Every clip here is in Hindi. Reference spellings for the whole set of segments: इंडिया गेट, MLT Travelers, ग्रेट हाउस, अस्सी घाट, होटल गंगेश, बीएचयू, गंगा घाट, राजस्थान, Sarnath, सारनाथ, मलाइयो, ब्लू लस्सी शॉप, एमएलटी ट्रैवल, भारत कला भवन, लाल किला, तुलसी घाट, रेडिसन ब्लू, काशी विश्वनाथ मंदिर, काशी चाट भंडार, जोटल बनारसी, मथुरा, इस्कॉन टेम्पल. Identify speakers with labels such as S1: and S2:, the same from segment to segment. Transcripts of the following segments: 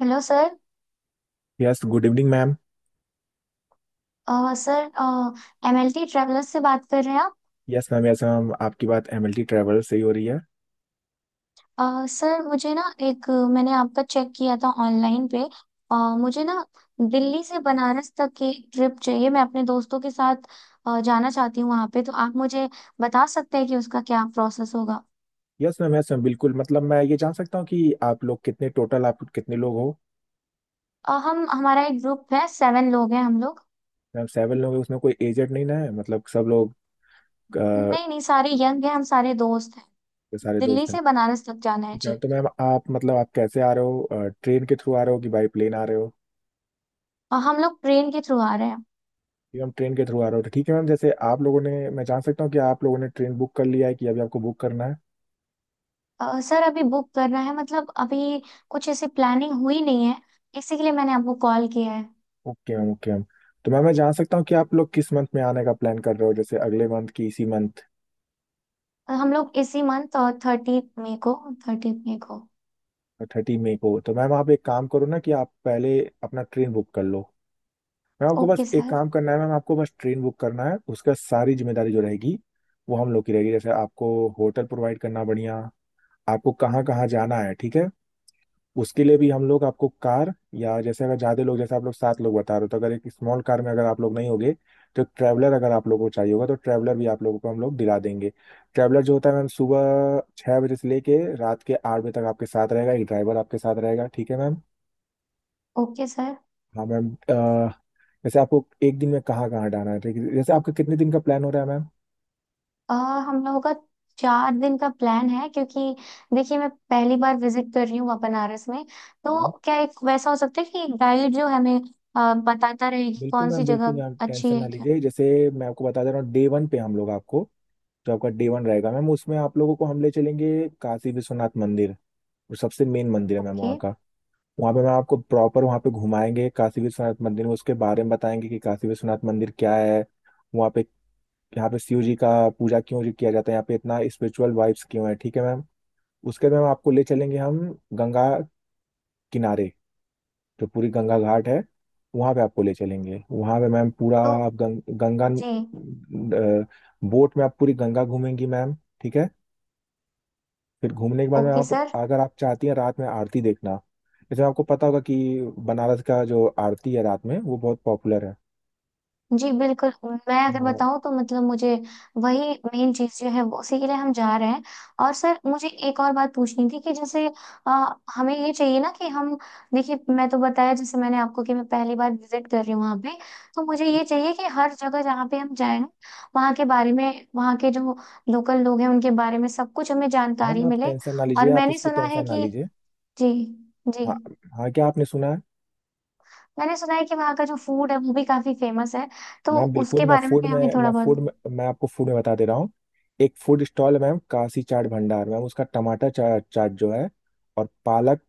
S1: Hello sir.
S2: Yes, good evening ma'am.
S1: Sir, MLT travellers से बात कर रहे हैं आप?
S2: यस मैम, यस मैम, आपकी बात एमएलटी ट्रैवल से ही हो रही है।
S1: सर मुझे ना एक, मैंने आपका चेक किया था ऑनलाइन पे। अ, मुझे ना दिल्ली से बनारस तक की ट्रिप चाहिए, मैं अपने दोस्तों के साथ जाना चाहती हूँ वहाँ पे। तो आप मुझे बता सकते हैं कि उसका क्या प्रोसेस होगा?
S2: यस मैम, यस मैम, बिल्कुल। मतलब मैं ये जान सकता हूँ कि आप लोग कितने, टोटल आप कितने लोग हो?
S1: हम हमारा एक ग्रुप है, सेवन लोग हैं हम लोग।
S2: मैम 7 लोग हैं, उसमें कोई एजेड नहीं ना है? मतलब सब लोग अ,
S1: नहीं नहीं, सारे यंग हैं, हम सारे दोस्त हैं।
S2: सारे
S1: दिल्ली
S2: दोस्त हैं।
S1: से बनारस तक जाना है
S2: ठीक है,
S1: जी।
S2: तो मैम आप मतलब आप कैसे आ रहे हो? ट्रेन के थ्रू आ रहे हो कि बाई प्लेन आ रहे हो?
S1: और हम लोग ट्रेन के थ्रू आ रहे हैं।
S2: मैम ट्रेन के थ्रू आ रहे हो तो ठीक है। मैम जैसे आप लोगों ने, मैं जान सकता हूँ कि आप लोगों ने ट्रेन बुक कर लिया है कि अभी आपको बुक करना है?
S1: सर अभी बुक करना है, मतलब अभी कुछ ऐसी प्लानिंग हुई नहीं है, इसी के लिए मैंने आपको कॉल किया है।
S2: Okay ma'am, okay ma'am. तो मैम मैं जान सकता हूँ कि आप लोग किस मंथ में आने का प्लान कर रहे हो, जैसे अगले मंथ की इसी मंथ?
S1: हम लोग इसी मंथ, और 30 मई को, 30 मई को।
S2: 30 मई को तो मैम आप एक काम करो ना कि आप पहले अपना ट्रेन बुक कर लो। मैम आपको बस
S1: ओके
S2: एक
S1: सर।
S2: काम करना है, मैम आपको बस ट्रेन बुक करना है, उसका सारी जिम्मेदारी जो रहेगी वो हम लोग की रहेगी। जैसे आपको होटल प्रोवाइड करना, बढ़िया, आपको कहाँ कहाँ जाना है, ठीक है। उसके लिए भी हम लोग आपको कार, या जैसे अगर ज्यादा लोग, जैसे आप लोग 7 लोग बता रहे हो, तो अगर एक स्मॉल कार में अगर आप लोग नहीं होगे तो एक ट्रैवलर अगर आप लोगों को चाहिए होगा तो ट्रैवलर भी आप लोगों को हम लोग दिला देंगे। ट्रैवलर जो होता है मैम, सुबह 6 बजे से लेके रात के 8 बजे तक आपके साथ रहेगा, एक ड्राइवर आपके साथ रहेगा, ठीक है मैम।
S1: Okay sir.
S2: हाँ मैम, वैसे आपको एक दिन में कहाँ कहाँ हटाना है ठीक है, जैसे आपका कितने दिन का प्लान हो रहा है मैम?
S1: अ, हम लोगों का 4 दिन का प्लान है, क्योंकि देखिए मैं पहली बार विजिट कर रही हूँ वहाँ बनारस में। तो
S2: मैम,
S1: क्या एक वैसा हो सकता है कि एक गाइड जो हमें बताता रहे कि
S2: बिल्कुल
S1: कौन सी
S2: मैम, बिल्कुल
S1: जगह
S2: मैम,
S1: अच्छी
S2: टेंशन
S1: है,
S2: ना
S1: क्या?
S2: लीजिए। जैसे मैं आपको बता दे रहा हूँ, डे वन पे हम लोग आपको, जो आपका डे वन रहेगा मैम उसमें आप लोगों को हम ले चलेंगे काशी विश्वनाथ मंदिर, और सबसे मेन मंदिर है मैम
S1: ओके।
S2: वहाँ का। वहाँ पे मैम आपको प्रॉपर वहाँ पे घुमाएंगे, काशी विश्वनाथ मंदिर में उसके बारे में बताएंगे कि काशी विश्वनाथ मंदिर क्या है, वहाँ पे, यहाँ पे शिव जी का पूजा क्यों जी किया जाता है, यहाँ पे इतना स्पिरिचुअल वाइब्स क्यों है, ठीक है मैम। उसके बाद मैम आपको ले चलेंगे हम गंगा किनारे, जो पूरी गंगा घाट है वहां पे आपको ले चलेंगे। वहां पे मैम पूरा
S1: तो
S2: आप गंगा
S1: जी।
S2: बोट में आप पूरी गंगा घूमेंगी मैम, ठीक है। फिर घूमने के बाद में
S1: ओके
S2: आप,
S1: सर।
S2: अगर आप चाहती हैं रात में आरती देखना, जैसे आपको पता होगा कि बनारस का जो आरती है रात में वो बहुत पॉपुलर है।
S1: जी बिल्कुल। मैं अगर
S2: हाँ
S1: बताऊं तो मतलब मुझे वही मेन चीज जो है वो उसी के लिए हम जा रहे हैं। और सर मुझे एक और बात पूछनी थी कि जैसे अ, हमें ये चाहिए ना कि हम, देखिए मैं तो बताया जैसे मैंने आपको कि मैं पहली बार विजिट कर रही हूँ वहाँ पे। तो मुझे ये चाहिए कि हर जगह जहाँ पे हम जाएं, वहाँ के बारे में, वहाँ के जो लोकल लोग हैं उनके बारे में सब कुछ हमें
S2: मैम,
S1: जानकारी
S2: आप
S1: मिले।
S2: टेंशन ना लीजिए,
S1: और
S2: आप
S1: मैंने
S2: उसकी
S1: सुना है
S2: टेंशन ना
S1: कि,
S2: लीजिए।
S1: जी। जी।
S2: हाँ, हाँ क्या आपने सुना है?
S1: मैंने सुना है कि वहाँ का जो फूड है वो भी काफी फेमस है, तो
S2: मैम बिल्कुल,
S1: उसके
S2: मैं
S1: बारे में
S2: फूड
S1: भी हमें
S2: में
S1: थोड़ा
S2: मैं
S1: बहुत।
S2: फूड में मैं आपको फूड में बता दे रहा हूँ। एक फूड स्टॉल है मैम, काशी चाट भंडार मैम, उसका टमाटर चाट जो है, और पालक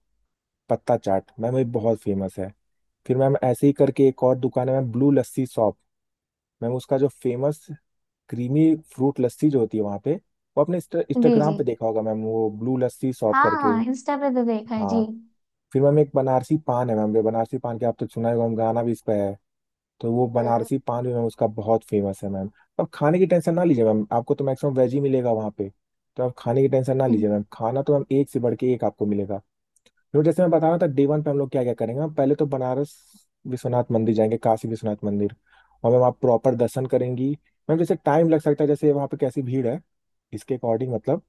S2: पत्ता चाट मैम ये बहुत फेमस है। फिर मैम ऐसे ही करके एक और दुकान है ma'am, ब्लू लस्सी शॉप। Ma'am उसका जो फेमस क्रीमी फ्रूट लस्सी जो होती है वहाँ पे, वो आपने
S1: जी
S2: इंस्टाग्राम
S1: जी।
S2: पे देखा होगा मैम, वो ब्लू लस्सी शॉप
S1: हाँ
S2: करके।
S1: हाँ, इंस्टा पे तो देखा है जी।
S2: हाँ, फिर मैम एक बनारसी पान है मैम, जो बनारसी पान के आप तो सुना ही होगा मैम, गाना भी इस पे है, तो वो
S1: हम्म।
S2: बनारसी पान भी मैम उसका बहुत फेमस है मैम। अब खाने की टेंशन ना लीजिए मैम, आपको तो मैक्सिमम वेज ही मिलेगा वहाँ पे। तो आप खाने की टेंशन ना लीजिए
S1: हम्म।
S2: मैम, खाना तो मैम एक से बढ़ के एक आपको मिलेगा। तो जैसे मैं बता रहा था, डे वन पे हम लोग क्या क्या करेंगे मैम, पहले तो बनारस विश्वनाथ मंदिर जाएंगे, काशी विश्वनाथ मंदिर। और मैम आप प्रॉपर दर्शन करेंगी मैम, जैसे टाइम लग सकता है, जैसे वहाँ पे कैसी भीड़ है इसके अकॉर्डिंग, मतलब।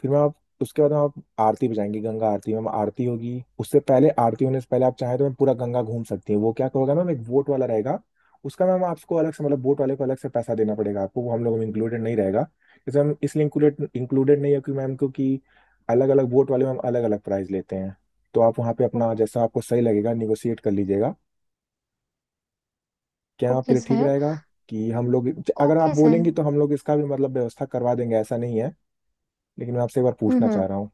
S2: फिर मैं आप उसके बाद हम आप आरती पे जाएंगे, गंगा आरती में आरती होगी, उससे पहले, आरती होने से पहले आप चाहें तो मैं पूरा गंगा घूम सकती हैं, वो क्या करोगे मैम, एक बोट वाला रहेगा। उसका मैम आपको अलग से, मतलब बोट वाले को अलग से पैसा देना पड़ेगा आपको, वो हम लोगों में इंक्लूडेड नहीं रहेगा। जैसे हम इसलिए इंक्लूडेड इंक्लूडेड नहीं है क्योंकि मैम, क्योंकि अलग अलग बोट वाले मैम अलग अलग प्राइस लेते हैं। तो आप वहाँ पे
S1: ओ-
S2: अपना, जैसा आपको सही लगेगा निगोशिएट कर लीजिएगा। क्या आपके
S1: ओके
S2: लिए ठीक
S1: सर।
S2: रहेगा कि हम लोग, अगर आप
S1: ओके सर।
S2: बोलेंगी
S1: हम्म।
S2: तो हम लोग इसका भी मतलब व्यवस्था करवा देंगे, ऐसा नहीं है, लेकिन मैं आपसे एक बार पूछना
S1: हम्म।
S2: चाह रहा हूँ।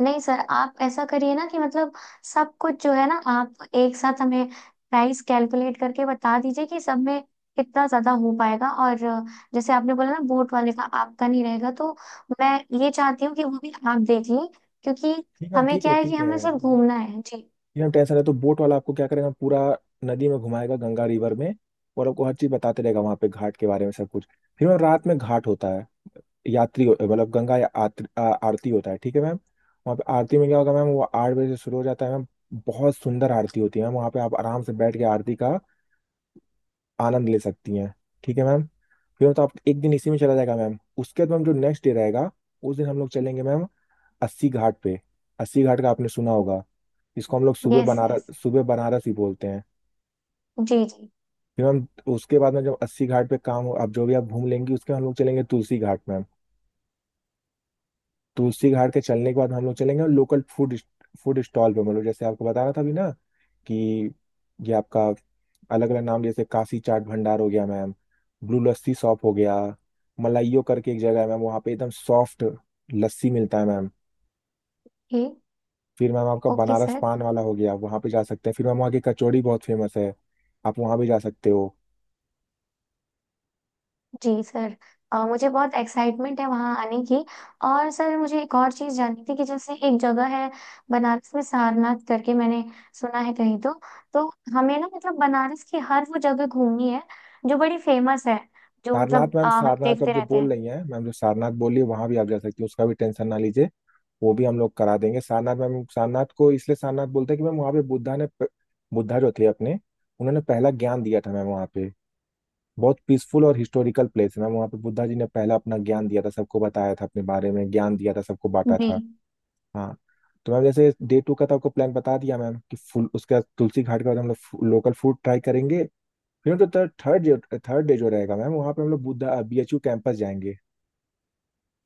S1: नहीं सर, आप ऐसा करिए ना कि मतलब सब कुछ जो है ना, आप एक साथ हमें प्राइस कैलकुलेट करके बता दीजिए कि सब में कितना ज्यादा हो पाएगा, और जैसे आपने बोला ना बोट वाले का आपका नहीं रहेगा, तो मैं ये चाहती हूँ कि वो भी आप देख लें, क्योंकि
S2: ठीक है मैम,
S1: हमें
S2: ठीक
S1: क्या
S2: है,
S1: है कि
S2: ठीक है।
S1: हमें सिर्फ घूमना है जी।
S2: ये हम टेंशन है, तो बोट वाला आपको क्या करेगा, पूरा नदी में घुमाएगा, गंगा रिवर में, और आपको हर चीज बताते रहेगा वहां पे, घाट के बारे में सब कुछ। फिर मैम रात में घाट होता है, यात्री मतलब गंगा या आरती होता है, ठीक है मैम। वहाँ पे आरती में क्या होगा मैम, वो 8 बजे से शुरू हो जाता है मैम। बहुत सुंदर आरती होती है मैम, वहाँ पे आप आराम से बैठ के आरती का आनंद ले सकती हैं, ठीक है मैम। फिर तो आप एक दिन इसी में चला जाएगा मैम। उसके बाद मैम जो नेक्स्ट डे रहेगा, उस दिन हम लोग चलेंगे मैम अस्सी घाट पे। अस्सी घाट का आपने सुना होगा, इसको हम लोग सुबह
S1: यस यस।
S2: बनारस, सुबह बनारस ही बोलते हैं।
S1: जी जी।
S2: फिर हम, उसके बाद में जब अस्सी घाट पे काम हो, आप जो भी आप घूम लेंगी, उसके बाद हम लोग चलेंगे तुलसी घाट में। तुलसी घाट के चलने के बाद हम लोग चलेंगे लोकल फूड, फूड स्टॉल पे, मतलब जैसे आपको बता रहा था अभी ना, कि ये आपका अलग अलग नाम, जैसे काशी चाट भंडार हो गया मैम, ब्लू लस्सी शॉप हो गया, मलाइयो करके एक जगह है मैम वहाँ पे एकदम सॉफ्ट लस्सी मिलता है मैम।
S1: ठीक।
S2: फिर मैम आपका
S1: ओके
S2: बनारस
S1: सर।
S2: पान वाला हो गया, वहाँ पे जा सकते हैं, फिर मैम वहाँ की कचौड़ी बहुत फेमस है, आप वहाँ भी जा सकते हो।
S1: जी सर, मुझे बहुत एक्साइटमेंट है वहाँ आने की। और सर मुझे एक और चीज़ जाननी थी कि जैसे एक जगह है बनारस में, सारनाथ करके, मैंने सुना है कहीं तो। तो हमें ना मतलब बनारस की हर वो जगह घूमनी है जो बड़ी फेमस है, जो मतलब
S2: सारनाथ मैम,
S1: हम
S2: सारनाथ अब
S1: देखते
S2: जो
S1: रहते
S2: बोल
S1: हैं।
S2: रही हैं मैम, जो सारनाथ बोली, वहां भी आप जा सकती हैं, उसका भी टेंशन ना लीजिए, वो भी हम लोग करा देंगे। सारनाथ मैम, सारनाथ को इसलिए सारनाथ बोलते हैं कि मैम वहाँ पे बुद्धा ने बुद्धा जो थे अपने, उन्होंने पहला ज्ञान दिया था मैम वहाँ पे। बहुत पीसफुल और हिस्टोरिकल प्लेस है मैम, वहाँ पे बुद्धा जी ने पहला अपना ज्ञान दिया था, सबको बताया था, अपने बारे में ज्ञान दिया था सबको बांटा
S1: जी।
S2: था। हाँ, तो मैम जैसे डे टू का तो आपको प्लान बता दिया मैम कि फुल उसका, तुलसी घाट के बाद हम लोग लोकल फूड ट्राई करेंगे। फिर तो थर्ड थर्ड थर्ड डे जो रहेगा मैम, वहाँ पे हम लोग Buddha B H U campus जाएंगे।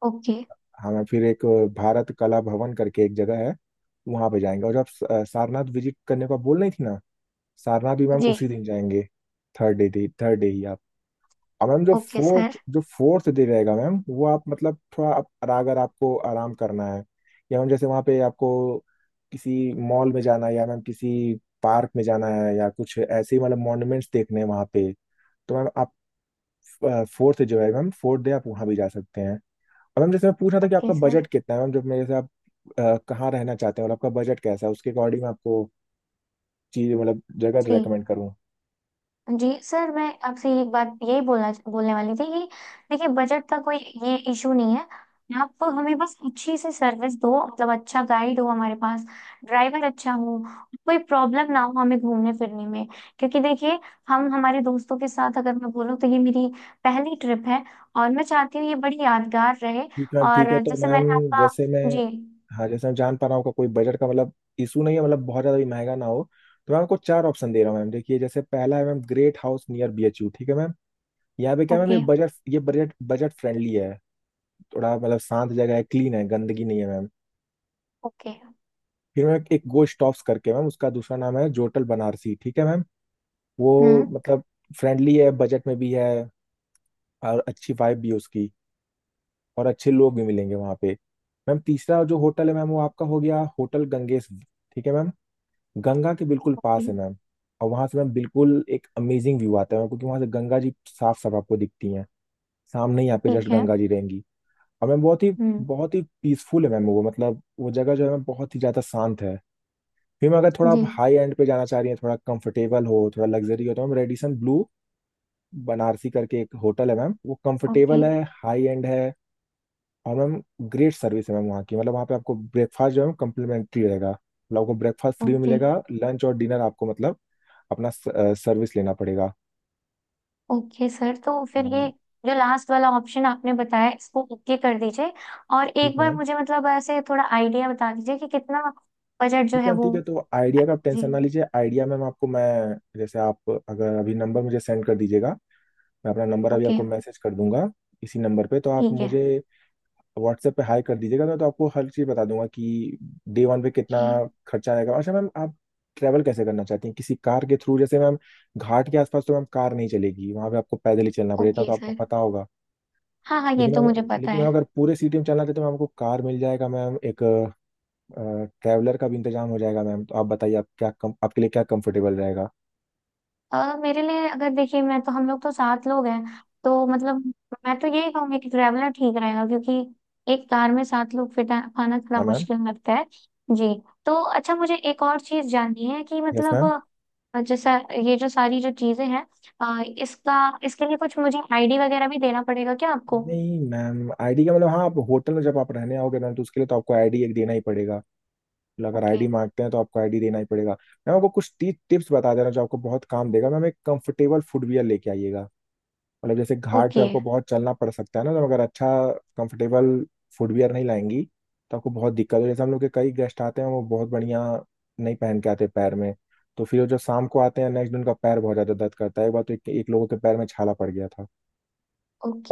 S1: ओके।
S2: हम फिर एक, भारत कला भवन करके एक जगह है वहाँ पे जाएंगे, और जब सारनाथ विजिट करने को आप बोल रही थी ना, सारनाथ भी मैम
S1: जी।
S2: उसी दिन जाएंगे, थर्ड डे, थर्ड डे ही आप। और मैम जो
S1: ओके सर।
S2: फोर्थ, जो फोर्थ डे रहेगा मैम, वो आप मतलब थोड़ा आप, अगर आपको आराम करना है, या मैम जैसे वहाँ पे आपको किसी मॉल में जाना है, या मैम किसी पार्क में जाना है, या कुछ ऐसे ही मतलब मॉन्यूमेंट्स देखने हैं वहाँ पे, तो मैम फोर्थ है जो है मैम, फोर्थ डे आप वहाँ भी जा सकते हैं। और मैम जैसे मैं पूछ रहा था कि
S1: ओके
S2: आपका
S1: सर।
S2: बजट कितना है मैम, जब मेरे से आप, कहाँ रहना चाहते हैं और आपका बजट कैसा है, उसके अकॉर्डिंग मैं आपको चीज मतलब जगह
S1: जी।
S2: रेकमेंड करूँ।
S1: जी सर, मैं आपसे एक बात यही बोलना बोलने वाली थी कि देखिए बजट का कोई ये इशू नहीं है, आप हमें बस अच्छी सी सर्विस दो, मतलब अच्छा गाइड हो हमारे पास, ड्राइवर अच्छा हो, कोई प्रॉब्लम ना हो हमें घूमने फिरने में, क्योंकि देखिए हम, हमारे दोस्तों के साथ अगर मैं बोलूँ तो ये मेरी पहली ट्रिप है, और मैं चाहती हूँ ये बड़ी यादगार रहे।
S2: ठीक है मैम, ठीक है।
S1: और
S2: तो
S1: जैसे
S2: मैम
S1: मैंने आपका।
S2: जैसे मैं,
S1: जी।
S2: हाँ जैसे मैं जान पा रहा हूँ का कोई बजट का मतलब इशू नहीं है, मतलब बहुत ज़्यादा भी महंगा ना हो, तो मैं आपको 4 ऑप्शन दे रहा हूँ मैम। देखिए जैसे पहला है ma'am, ग्रेट हाउस near बीएचयू, ठीक है मैम। यहाँ पे क्या है मैम,
S1: ओके।
S2: ये बजट, ये बजट बजट फ्रेंडली है, थोड़ा मतलब शांत जगह है, क्लीन है, गंदगी नहीं है मैम।
S1: ओके।
S2: फिर मैम एक गोश्त करके मैम, उसका दूसरा नाम है जोटल बनारसी, ठीक है मैम। वो
S1: हम्म।
S2: मतलब फ्रेंडली है, बजट में भी है, और अच्छी वाइब भी है उसकी, और अच्छे लोग भी मिलेंगे वहाँ पे। मैम तीसरा जो होटल है मैम वो आपका हो गया होटल गंगेश, ठीक है मैम। गंगा के बिल्कुल
S1: ओके।
S2: पास है मैम, और वहाँ से मैम बिल्कुल एक अमेजिंग व्यू आता है मैम, क्योंकि वहाँ से गंगा जी साफ साफ आपको दिखती हैं, सामने ही आपके जस्ट
S1: ठीक है।
S2: गंगा जी रहेंगी। और मैम बहुत ही
S1: हम्म।
S2: बहुत ही पीसफुल है मैम, वो मतलब वो जगह जो है मैम बहुत ही ज्यादा शांत है। फिर अगर थोड़ा
S1: जी।
S2: आप हाई एंड पे जाना चाह रही हैं, थोड़ा कंफर्टेबल हो, थोड़ा लग्जरी हो, तो मैम रेडिसन ब्लू बनारसी करके एक होटल है मैम, वो
S1: ओके।
S2: कंफर्टेबल है, हाई एंड है। और मैम ग्रेट सर्विस है मैम वहाँ की। मतलब वहाँ पे आपको ब्रेकफास्ट जो है कम्प्लीमेंट्री रहेगा, मतलब आपको ब्रेकफास्ट फ्री
S1: ओके।
S2: मिलेगा। लंच और डिनर आपको मतलब अपना सर्विस लेना पड़ेगा।
S1: ओके सर, तो फिर
S2: हाँ
S1: ये
S2: मैम।
S1: जो लास्ट वाला ऑप्शन आपने बताया इसको ओके कर दीजिए, और एक
S2: ठीक है
S1: बार
S2: मैम।
S1: मुझे मतलब ऐसे थोड़ा आइडिया बता दीजिए कि कितना बजट जो है वो।
S2: ठीक है, तो आइडिया का आप
S1: जी।
S2: टेंशन ना लीजिए। आइडिया मैम आपको मैं, जैसे आप अगर अभी नंबर मुझे सेंड कर दीजिएगा, मैं अपना नंबर अभी
S1: ओके।
S2: आपको मैसेज कर दूंगा इसी नंबर पे। तो आप
S1: ठीक है।
S2: मुझे व्हाट्सएप पे हाई कर दीजिएगा, मैं तो आपको हर चीज़ बता दूंगा कि डे वन पे कितना
S1: ओके।
S2: खर्चा आएगा। अच्छा मैम, आप ट्रैवल कैसे करना चाहती हैं? किसी कार के थ्रू? जैसे मैम घाट के आसपास तो मैम कार नहीं चलेगी, वहां पे आपको पैदल ही चलना पड़ेगा, इतना
S1: ओके
S2: तो आपको
S1: सर।
S2: पता होगा।
S1: हाँ हाँ, ये
S2: लेकिन
S1: तो मुझे
S2: मैम
S1: पता
S2: लेकिन
S1: है।
S2: मैम अगर पूरे सिटी में चलना चाहते हैं तो मैम आपको कार मिल जाएगा मैम। एक ट्रैवलर का भी इंतजाम हो जाएगा मैम। तो आप बताइए आप आपके लिए क्या कंफर्टेबल रहेगा?
S1: मेरे लिए अगर देखिए, मैं तो, हम लोग तो सात लोग हैं, तो मतलब मैं तो यही कहूंगी कि ट्रैवलर ठीक रहेगा, क्योंकि एक कार में सात लोग फिट पाना थोड़ा
S2: हाँ मैम।
S1: मुश्किल लगता है। जी। तो अच्छा मुझे एक और चीज जाननी है कि
S2: यस
S1: मतलब
S2: मैम।
S1: जैसा ये जो सारी जो चीजें हैं इसका, इसके लिए कुछ मुझे आईडी वगैरह भी देना पड़ेगा क्या आपको?
S2: नहीं मैम, आईडी का मतलब, हाँ, आप होटल में जब आप रहने आओगे मैम तो उसके लिए तो आपको आईडी एक देना ही पड़ेगा। मतलब अगर
S1: ओके।
S2: आईडी मांगते हैं तो आपको आईडी देना ही पड़ेगा। मैम आपको कुछ टिप्स बता दे रहा हूँ जो आपको बहुत काम देगा मैम। एक कंफर्टेबल फुटवियर लेके आइएगा। मतलब जैसे घाट पे
S1: ओके।
S2: आपको बहुत चलना पड़ सकता है ना, तो अगर अच्छा कंफर्टेबल फुटवियर नहीं लाएंगी तो आपको बहुत दिक्कत हो। जैसे हम लोग के कई गेस्ट आते हैं, वो बहुत बढ़िया नहीं पहन के आते पैर में, तो फिर वो जो शाम को आते हैं नेक्स्ट दिन उनका पैर बहुत ज्यादा दर्द करता है। एक बार तो एक लोगों के पैर में छाला पड़ गया था।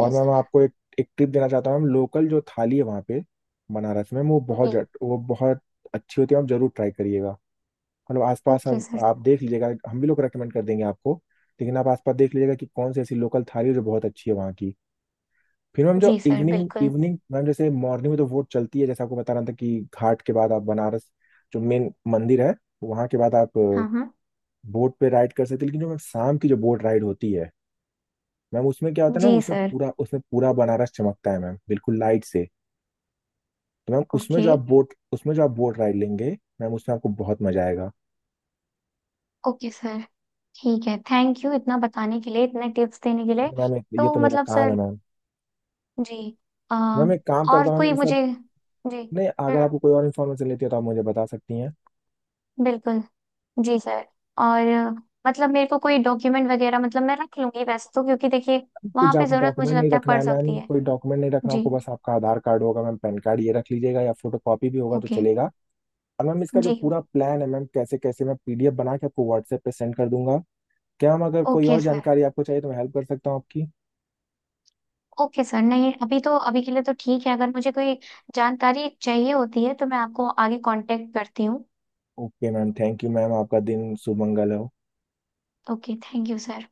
S2: और मैम
S1: सर।
S2: आपको एक एक टिप देना चाहता हूँ मैम। लोकल जो थाली है वहाँ पे बनारस में, वो बहुत
S1: जी।
S2: वो बहुत अच्छी होती है, आप जरूर ट्राई करिएगा। मतलब आसपास
S1: ओके
S2: आप,
S1: सर।
S2: आप देख लीजिएगा, हम भी लोग रेकमेंड कर देंगे आपको। लेकिन आप आसपास देख लीजिएगा कि कौन सी ऐसी लोकल थाली है जो बहुत अच्छी है वहाँ की। फिर मैम जो
S1: जी सर
S2: इवनिंग
S1: बिल्कुल।
S2: इवनिंग मैम, जैसे मॉर्निंग में तो वोट चलती है, जैसे आपको बता रहा था कि घाट के बाद आप बनारस जो मेन मंदिर है वहाँ के बाद आप
S1: हाँ हाँ।
S2: बोट पे राइड कर सकते हैं। लेकिन जो मैम शाम की जो बोट राइड होती है मैम, उसमें क्या होता है ना,
S1: जी
S2: उसमें
S1: सर।
S2: पूरा उसमें पूरा बनारस चमकता है मैम, बिल्कुल लाइट से। तो मैम उसमें
S1: ओके।
S2: जो आप बोट उसमें जो आप बोट राइड लेंगे मैम, उसमें आपको बहुत मजा आएगा।
S1: ओके सर, ठीक है, थैंक यू इतना बताने के लिए, इतने टिप्स देने के लिए।
S2: मैम ये
S1: तो
S2: तो मेरा
S1: मतलब
S2: काम है
S1: सर
S2: मैम।
S1: जी आ,
S2: मैम एक काम
S1: और
S2: करता हूँ मैम,
S1: कोई
S2: ये सब।
S1: मुझे, जी।
S2: नहीं, अगर
S1: हम्म।
S2: आपको कोई और इन्फॉर्मेशन लेती है तो आप मुझे बता सकती हैं।
S1: बिल्कुल। जी सर। और मतलब मेरे को कोई डॉक्यूमेंट वगैरह, मतलब मैं रख लूंगी वैसे तो, क्योंकि देखिए
S2: कुछ
S1: वहां पे
S2: आप
S1: जरूरत मुझे
S2: डॉक्यूमेंट नहीं
S1: लगता है
S2: रखना
S1: पड़
S2: है मैम,
S1: सकती है।
S2: कोई डॉक्यूमेंट नहीं रखना
S1: जी।
S2: आपको, बस आपका आधार कार्ड होगा मैम, पैन कार्ड, ये रख लीजिएगा या फोटो कॉपी भी होगा तो
S1: ओके।
S2: चलेगा। और मैम इसका जो
S1: जी।
S2: पूरा प्लान है मैम, कैसे कैसे, मैं पीडीएफ बना के आपको व्हाट्सएप पे सेंड कर दूंगा। क्या मैम, अगर कोई
S1: ओके
S2: और
S1: सर।
S2: जानकारी आपको चाहिए तो मैं हेल्प कर सकता हूँ आपकी।
S1: ओके सर, नहीं, अभी तो अभी के लिए तो ठीक है, अगर मुझे कोई जानकारी चाहिए होती है तो मैं आपको आगे कांटेक्ट करती हूँ।
S2: Okay ma'am, thank you ma'am, आपका दिन शुभ मंगल हो।
S1: Okay, thank you sir.